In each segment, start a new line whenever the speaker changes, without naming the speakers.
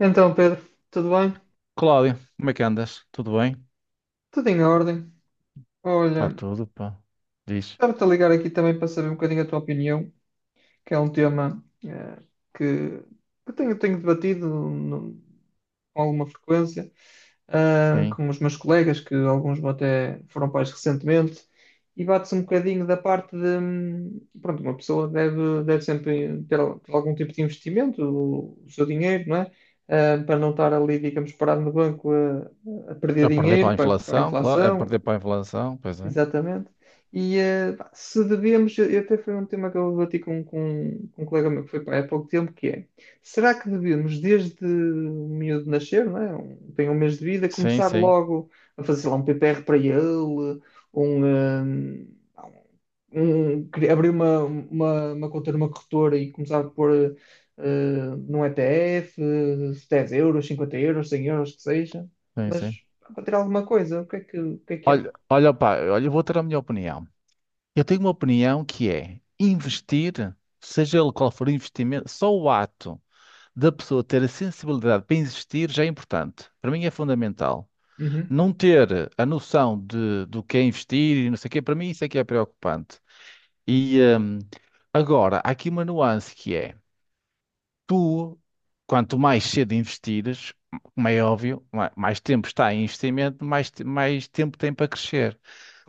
Então, Pedro, tudo bem?
Cláudio, como é que andas? Tudo bem?
Tudo em ordem.
Está
Olha,
tudo, pá. Diz,
estava-te a ligar aqui também para saber um bocadinho a tua opinião que é um tema que, que tenho debatido com alguma frequência,
sim.
com os meus colegas, que alguns até foram pais recentemente, e bate-se um bocadinho da parte de, pronto, uma pessoa deve sempre ter, ter algum tipo de investimento, o seu dinheiro, não é? Para não estar ali, digamos, parado no banco a perder
A perder para
dinheiro
a
para a
inflação, claro. A
inflação.
perder para a inflação, pois é.
Exatamente. E pá, se devemos, eu até foi um tema que eu debati com um colega meu que foi pai há pouco tempo, que é, será que devemos, desde o miúdo nascer, não é? Tem um mês de vida,
Sim,
começar
sim,
logo a fazer sei lá um PPR para ele, um, eh, abrir uma conta numa corretora e começar a pôr num ETF, 10 euros, 50 euros, 100 euros, que seja,
sim,
mas
sim.
pá, para ter alguma coisa, o que é que
Olha,
achas?
olha, pá, olha, eu vou ter a minha opinião. Eu tenho uma opinião que é investir, seja ele qual for o investimento, só o ato da pessoa ter a sensibilidade para investir já é importante. Para mim é fundamental. Não ter a noção de, do que é investir e não sei o quê, para mim isso é que é preocupante. E agora, há aqui uma nuance que é. Tu, quanto mais cedo investires, como é óbvio, mais tempo está em investimento, mais tempo tem para crescer.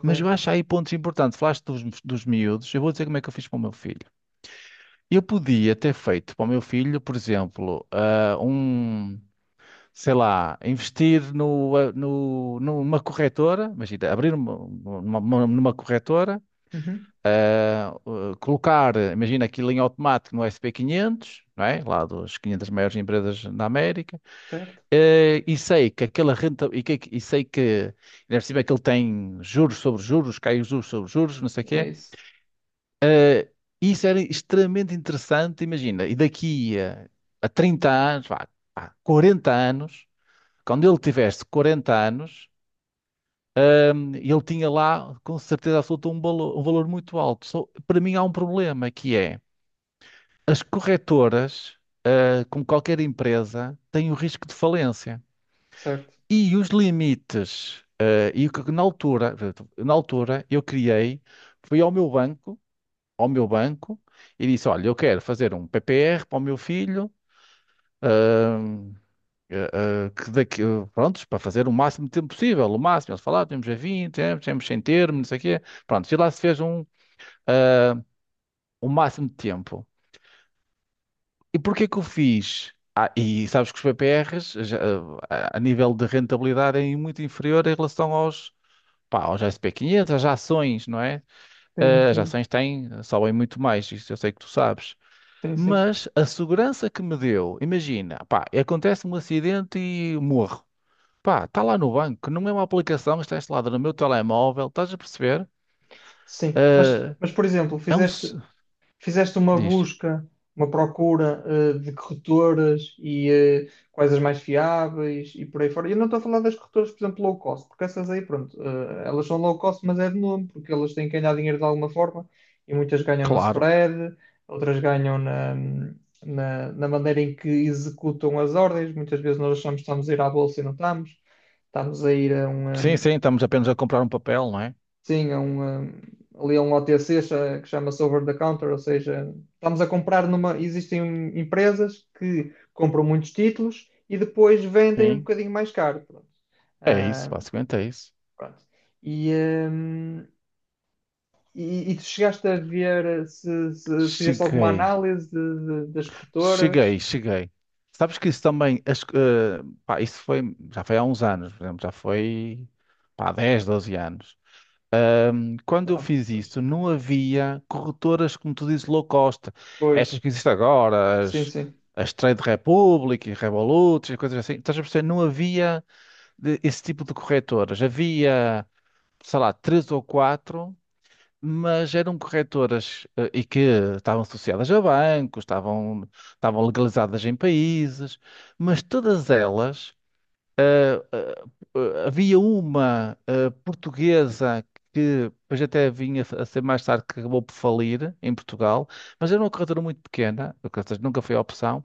Mas eu acho aí pontos importantes. Falaste dos miúdos, eu vou dizer como é que eu fiz para o meu filho. Eu podia ter feito para o meu filho, por exemplo, sei lá, investir no, ah, no, numa corretora, imagina, abrir numa corretora,
Uhum.
colocar, imagina aquilo em automático no sp quinhentos, não é? Lá dos 500 maiores empresas na América.
Certo?
E sei que aquela renta e, que, e sei que ainda por cima é que ele tem juros sobre juros, cai os juros sobre juros, não sei o quê.
É isso.
E isso era extremamente interessante, imagina. E daqui a, 30 anos, vá, 40 anos, quando ele tivesse 40 anos, ele tinha lá com certeza absoluta um valor muito alto. Só, para mim há um problema que é as corretoras, como qualquer empresa, têm o risco de falência.
Certo.
E os limites, e o que na altura, portanto, na altura eu criei, fui ao meu banco, e disse, olha, eu quero fazer um PPR para o meu filho, ahm, eh, que daqui, prontos, para fazer o máximo de tempo possível, o máximo, eles falaram, temos a 20, temos sem termo, não sei o quê, pronto, e lá se fez um, eh, o máximo de tempo. E porquê que eu fiz? Ah, e sabes que os PPRs, já, a nível de rentabilidade, é muito inferior em relação aos, pá, os SP500, as ações, não é?
Sim,
As
sim.
ações têm, sobem muito mais, isso eu sei que tu sabes.
Sim, sim.
Mas a segurança que me deu, imagina, pá, acontece-me um acidente e morro. Pá, está lá no banco, que não é uma aplicação, está instalada no meu telemóvel, estás a perceber?
Sim.
Eh,
Mas por exemplo,
É um.
fizeste. Fizeste uma
Diz,
busca, uma procura, de corretoras e quais as mais fiáveis e por aí fora. E eu não estou a falar das corretoras, por exemplo, low cost, porque essas aí, pronto, elas são low cost, mas é de nome, porque elas têm que ganhar dinheiro de alguma forma e muitas ganham no
claro.
spread, outras ganham na maneira em que executam as ordens. Muitas vezes nós achamos que estamos a ir à bolsa e não estamos. Estamos a ir a
Sim,
um.
sim, estamos apenas a comprar um papel, não é?
Sim, é um, ali é um OTC que chama-se over the counter, ou seja, estamos a comprar numa. Existem empresas que compram muitos títulos e depois vendem um
Sim.
bocadinho mais caro. Pronto.
É isso,
Ah,
basicamente é isso.
Pronto. E, e tu chegaste a ver se, fizeste alguma
Cheguei.
análise das corretoras?
Cheguei, cheguei. Sabes que isso também, pá, isso foi, já foi há uns anos, por exemplo, já foi, pá, 10 12 anos. Quando eu
Ah,
fiz
pois.
isso, não havia corretoras, como tu dizes, low cost.
Pois.
Estas que existem agora,
Sim,
as,
sim.
as Trade Republic e Revolut, e coisas assim. Estás a perceber? Não havia esse tipo de corretoras. Havia, sei lá, três ou quatro mas eram corretoras e que estavam associadas a bancos, estavam legalizadas em países, mas todas elas, eh, havia uma portuguesa que depois até vinha a ser mais tarde que acabou por falir em Portugal, mas era uma corretora muito pequena, ou seja, nunca foi a opção.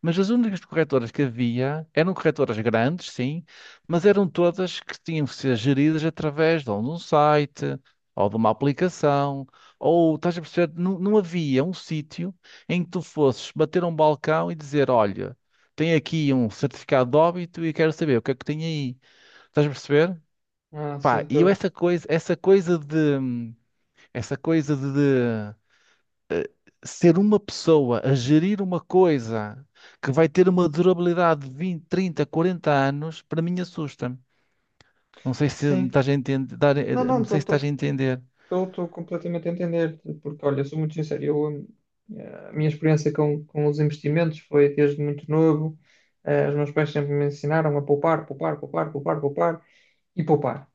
Mas as únicas corretoras que havia eram corretoras grandes, sim, mas eram todas que tinham que ser geridas através de ou de um site, ou de uma aplicação, ou estás a perceber, não, não havia um sítio em que tu fosses bater um balcão e dizer, olha, tenho aqui um certificado de óbito e quero saber o que é que tem aí. Estás a perceber?
Ah, sim,
Pá, e eu
estou.
essa coisa de, ser uma pessoa a gerir uma coisa que vai ter uma durabilidade de 20, 30, 40 anos, para mim assusta-me. Não sei se me
Sim.
estás a entender,
Não, não,
não sei se estás a
estou.
entender.
Estou completamente a entender, porque olha, sou muito sincero, eu, a minha experiência com os investimentos foi desde muito novo. Os meus pais sempre me ensinaram a poupar, poupar, poupar, poupar, poupar e poupar.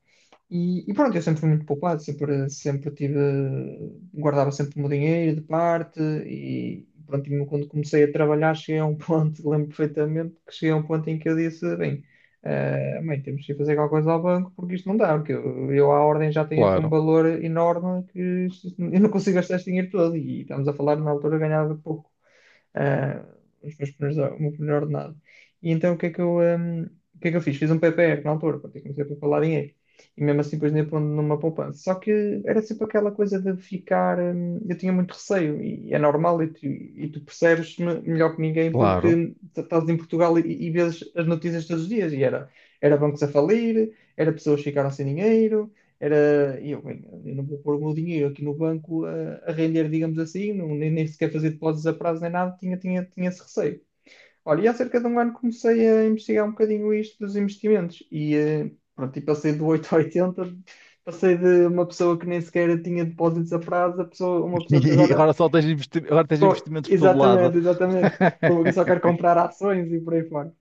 E pronto, eu sempre fui muito poupado, sempre, sempre tive, guardava sempre o meu dinheiro de parte e pronto, e quando comecei a trabalhar cheguei a um ponto, lembro perfeitamente que cheguei a um ponto em que eu disse, bem, mãe, temos que ir fazer alguma coisa ao banco porque isto não dá, porque eu à ordem já tenho aqui um
Claro,
valor enorme que eu não consigo gastar este dinheiro todo e estamos a falar na altura eu ganhava pouco. ah, os meus primeiros, o meu primeiro ordenado. E então o que é que eu fiz? Fiz um PPR na altura, pronto, e comecei a preparar dinheiro. E mesmo assim depois nem pondo numa poupança. Só que era sempre aquela coisa de ficar. Eu tinha muito receio, e é normal, e tu percebes melhor que ninguém
claro.
porque estás em Portugal e vês as notícias todos os dias. E era, bancos a falir, era pessoas que ficaram sem dinheiro, era, e eu, bem, eu não vou pôr o meu dinheiro aqui no banco a render, digamos assim, não, nem sequer fazer depósitos a prazo nem nada, tinha esse receio. Olha, e há cerca de um ano comecei a investigar um bocadinho isto dos investimentos e, pronto, e passei do 8 a 80, passei de uma pessoa que nem sequer tinha depósitos a prazo a pessoa, uma pessoa que
E
agora,
agora agora tens investimentos por todo lado.
exatamente, exatamente, só quer comprar ações e por aí fora.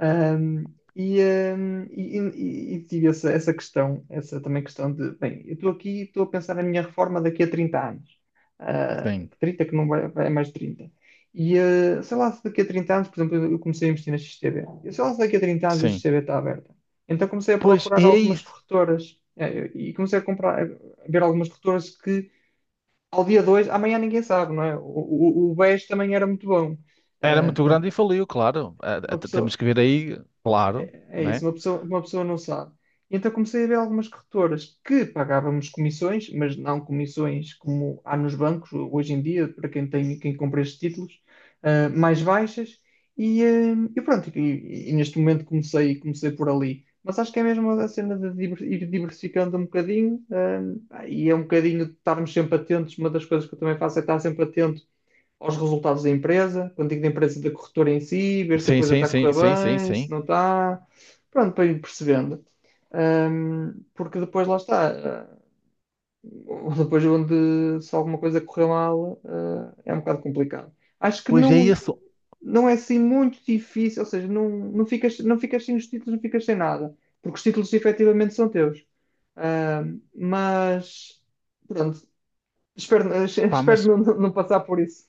Um, e, e tive essa, questão, essa também questão de, bem, eu estou aqui, estou a pensar na minha reforma daqui a 30 anos. Ah,
Sim,
30 que não vai, vai mais de 30. E sei lá se daqui a 30 anos, por exemplo, eu comecei a investir na XTB. Eu sei lá se daqui a 30 anos a
sim.
XTB está aberta. Então comecei a
Pois,
procurar
e é
algumas
isso.
corretoras e comecei a comprar, a ver algumas corretoras que ao dia 2 amanhã ninguém sabe, não é? O BES também era muito bom.
Era muito grande
Pronto,
e faliu, claro.
uma
Temos
pessoa,
que ver aí, claro,
é isso,
né?
uma pessoa não sabe. Então comecei a ver algumas corretoras que pagávamos comissões, mas não comissões como há nos bancos hoje em dia, para quem tem, quem compra estes títulos, mais baixas. E pronto, e neste momento comecei por ali. Mas acho que é mesmo a cena de ir diversificando um bocadinho, e é um bocadinho de estarmos sempre atentos. Uma das coisas que eu também faço é estar sempre atento aos resultados da empresa, quando digo da empresa, da corretora em si, ver se a
Sim,
coisa
sim,
está a
sim,
correr
sim, sim,
bem, se
sim.
não está, pronto, para ir percebendo. Porque depois lá está, depois onde se alguma coisa correr mal, é um bocado complicado. Acho que
Pois é
não,
isso.
não é assim muito difícil, ou seja, não, não ficas, não ficas sem os títulos, não ficas sem nada, porque os títulos efetivamente são teus. Mas, pronto, espero,
Pá,
espero
mas
não, não passar por isso,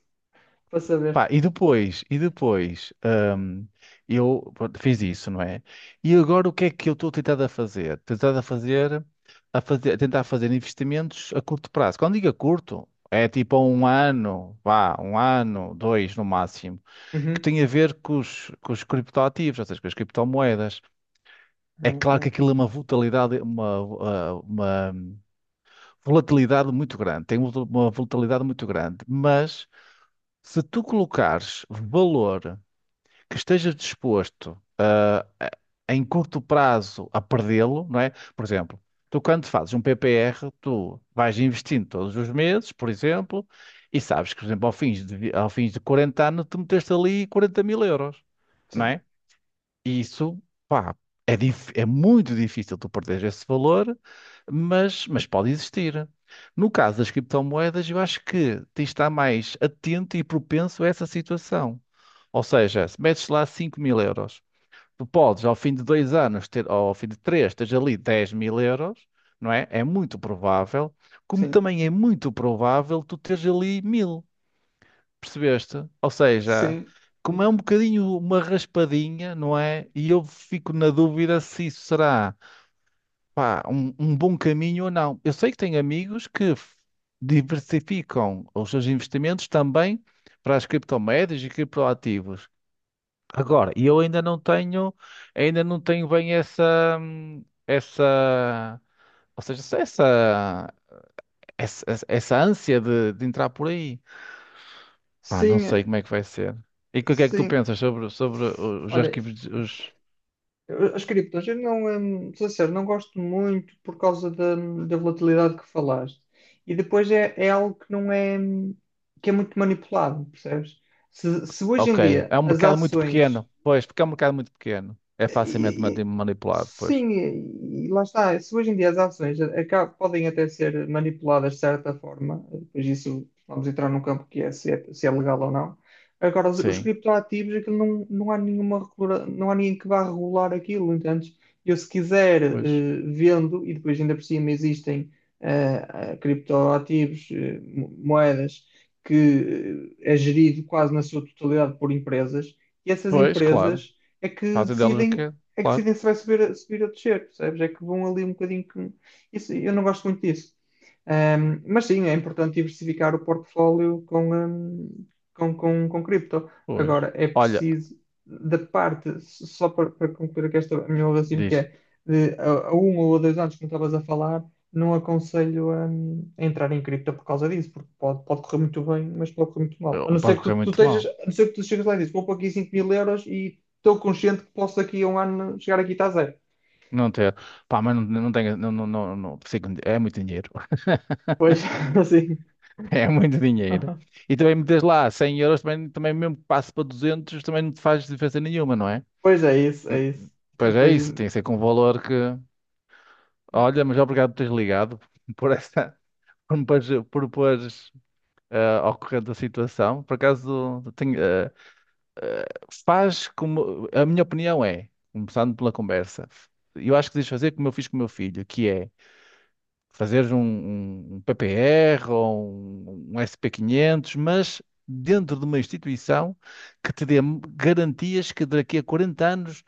para saber.
pá, e depois, hum, eu pronto, fiz isso, não é? E agora o que é que eu estou tentado a fazer? Tentado a fazer, a tentar fazer investimentos a curto prazo. Quando digo a curto, é tipo a um ano, vá, um ano, dois no máximo, que
Uhum.
tem a ver com os criptoativos, ou seja, com as criptomoedas. É
Ok,
claro que aquilo é uma volatilidade, uma volatilidade muito grande, tem uma volatilidade muito grande, mas se tu colocares valor que esteja disposto a- em curto prazo a perdê-lo, não é? Por exemplo, tu quando fazes um PPR, tu vais investindo todos os meses, por exemplo, e sabes que, por exemplo, ao fim de, ao fim de 40 anos, tu meteste ali 40.000 euros, não
sim,
é? Isso, pá, é, é muito difícil tu perderes esse valor, mas pode existir. No caso das criptomoedas, eu acho que tens de estar mais atento e propenso a essa situação. Ou seja, se metes lá 5.000 euros, tu podes ao fim de 2 anos, ter, ou ao fim de três, teres ali 10.000 euros, não é? É muito provável, como
sim,
também é muito provável tu teres ali mil. Percebeste? Ou seja,
sim,
como é um bocadinho uma raspadinha, não é? E eu fico na dúvida se isso será, pá, um bom caminho ou não. Eu sei que tenho amigos que diversificam os seus investimentos também para as criptomoedas e criptoativos. Agora, e eu ainda não tenho bem essa, essa, ou seja, essa ânsia de entrar por aí. Pá, não
sim,
sei como é que vai ser. E o que é que tu
sim.
pensas sobre os
Olha,
arquivos? Os...
as criptos, eu não, sou sincero, não gosto muito por causa da, volatilidade que falaste. E depois é algo que não é, que é muito manipulado, percebes? Se hoje em
Ok,
dia
é um
as
mercado muito
ações.
pequeno. Pois, porque é um mercado muito pequeno. É facilmente
E- e-
manipulado,
sim,
pois.
e lá está. Se hoje em dia as ações podem até ser manipuladas de certa forma, depois isso vamos entrar num campo que é se é, legal ou não. Agora, os
Sim,
criptoativos, aquilo não, não há nenhuma, não há ninguém que vá regular aquilo. Então, eu se quiser,
pois.
vendo, e depois ainda por cima existem eh, criptoativos, moedas, que é gerido quase na sua totalidade por empresas, e essas
Pois, claro.
empresas é que
Fazem delas o
decidem,
quê? Claro,
se vai subir, subir ou descer, percebes? É que vão ali um bocadinho que. Isso, eu não gosto muito disso. Mas sim, é importante diversificar o portfólio com, com cripto.
pois.
Agora, é
Olha,
preciso, da parte, só para, concluir aqui esta, a minha raciocínio, que
diz,
é de, a um ou a 2 anos, como estavas a falar, não aconselho a, entrar em cripto por causa disso, porque pode, correr muito bem, mas pode correr muito mal. A não ser
pode
que
correr
tu
muito
estejas,
mal.
a não ser que tu chegas lá e dizes, vou pôr aqui 5000 euros e estou consciente que posso daqui a um ano chegar aqui e está zero.
Não ter. Pá, mas não, não tenho. Não, não, não, não, é muito dinheiro.
Pois, assim.
É muito dinheiro. E também metes lá 100 euros, também, mesmo que passe para 200, também não te faz diferença nenhuma, não é?
Pois é isso, é isso.
Pois é
Depois.
isso, tem que ser com um valor que. Olha, mas obrigado por teres ligado por essa, por me pôres, ao corrente da situação. Por acaso tenho, eh, faz como. A minha opinião é, começando pela conversa, eu acho que deves fazer como eu fiz com o meu filho, que é fazeres um, um PPR ou um SP500, mas dentro de uma instituição que te dê garantias que daqui a 40 anos,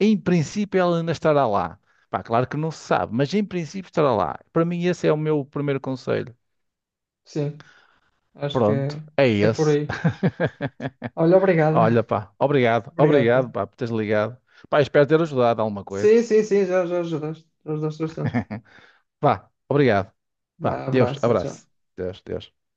em princípio, ela ainda estará lá. Pá, claro que não se sabe, mas em princípio estará lá. Para mim, esse é o meu primeiro conselho.
Sim, acho que
Pronto, é
é por
esse.
aí. Olha,
Olha,
obrigada
pá, obrigado, obrigado,
obrigada.
pá, por teres ligado. Pá, espero ter ajudado alguma coisa.
Sim, sim, sim, já, já ajudaste. Já ajudaste bastante.
Vá, obrigado. Vá,
Vá,
Deus,
abraço, tchau, tchau.
abraço. Deus, Deus.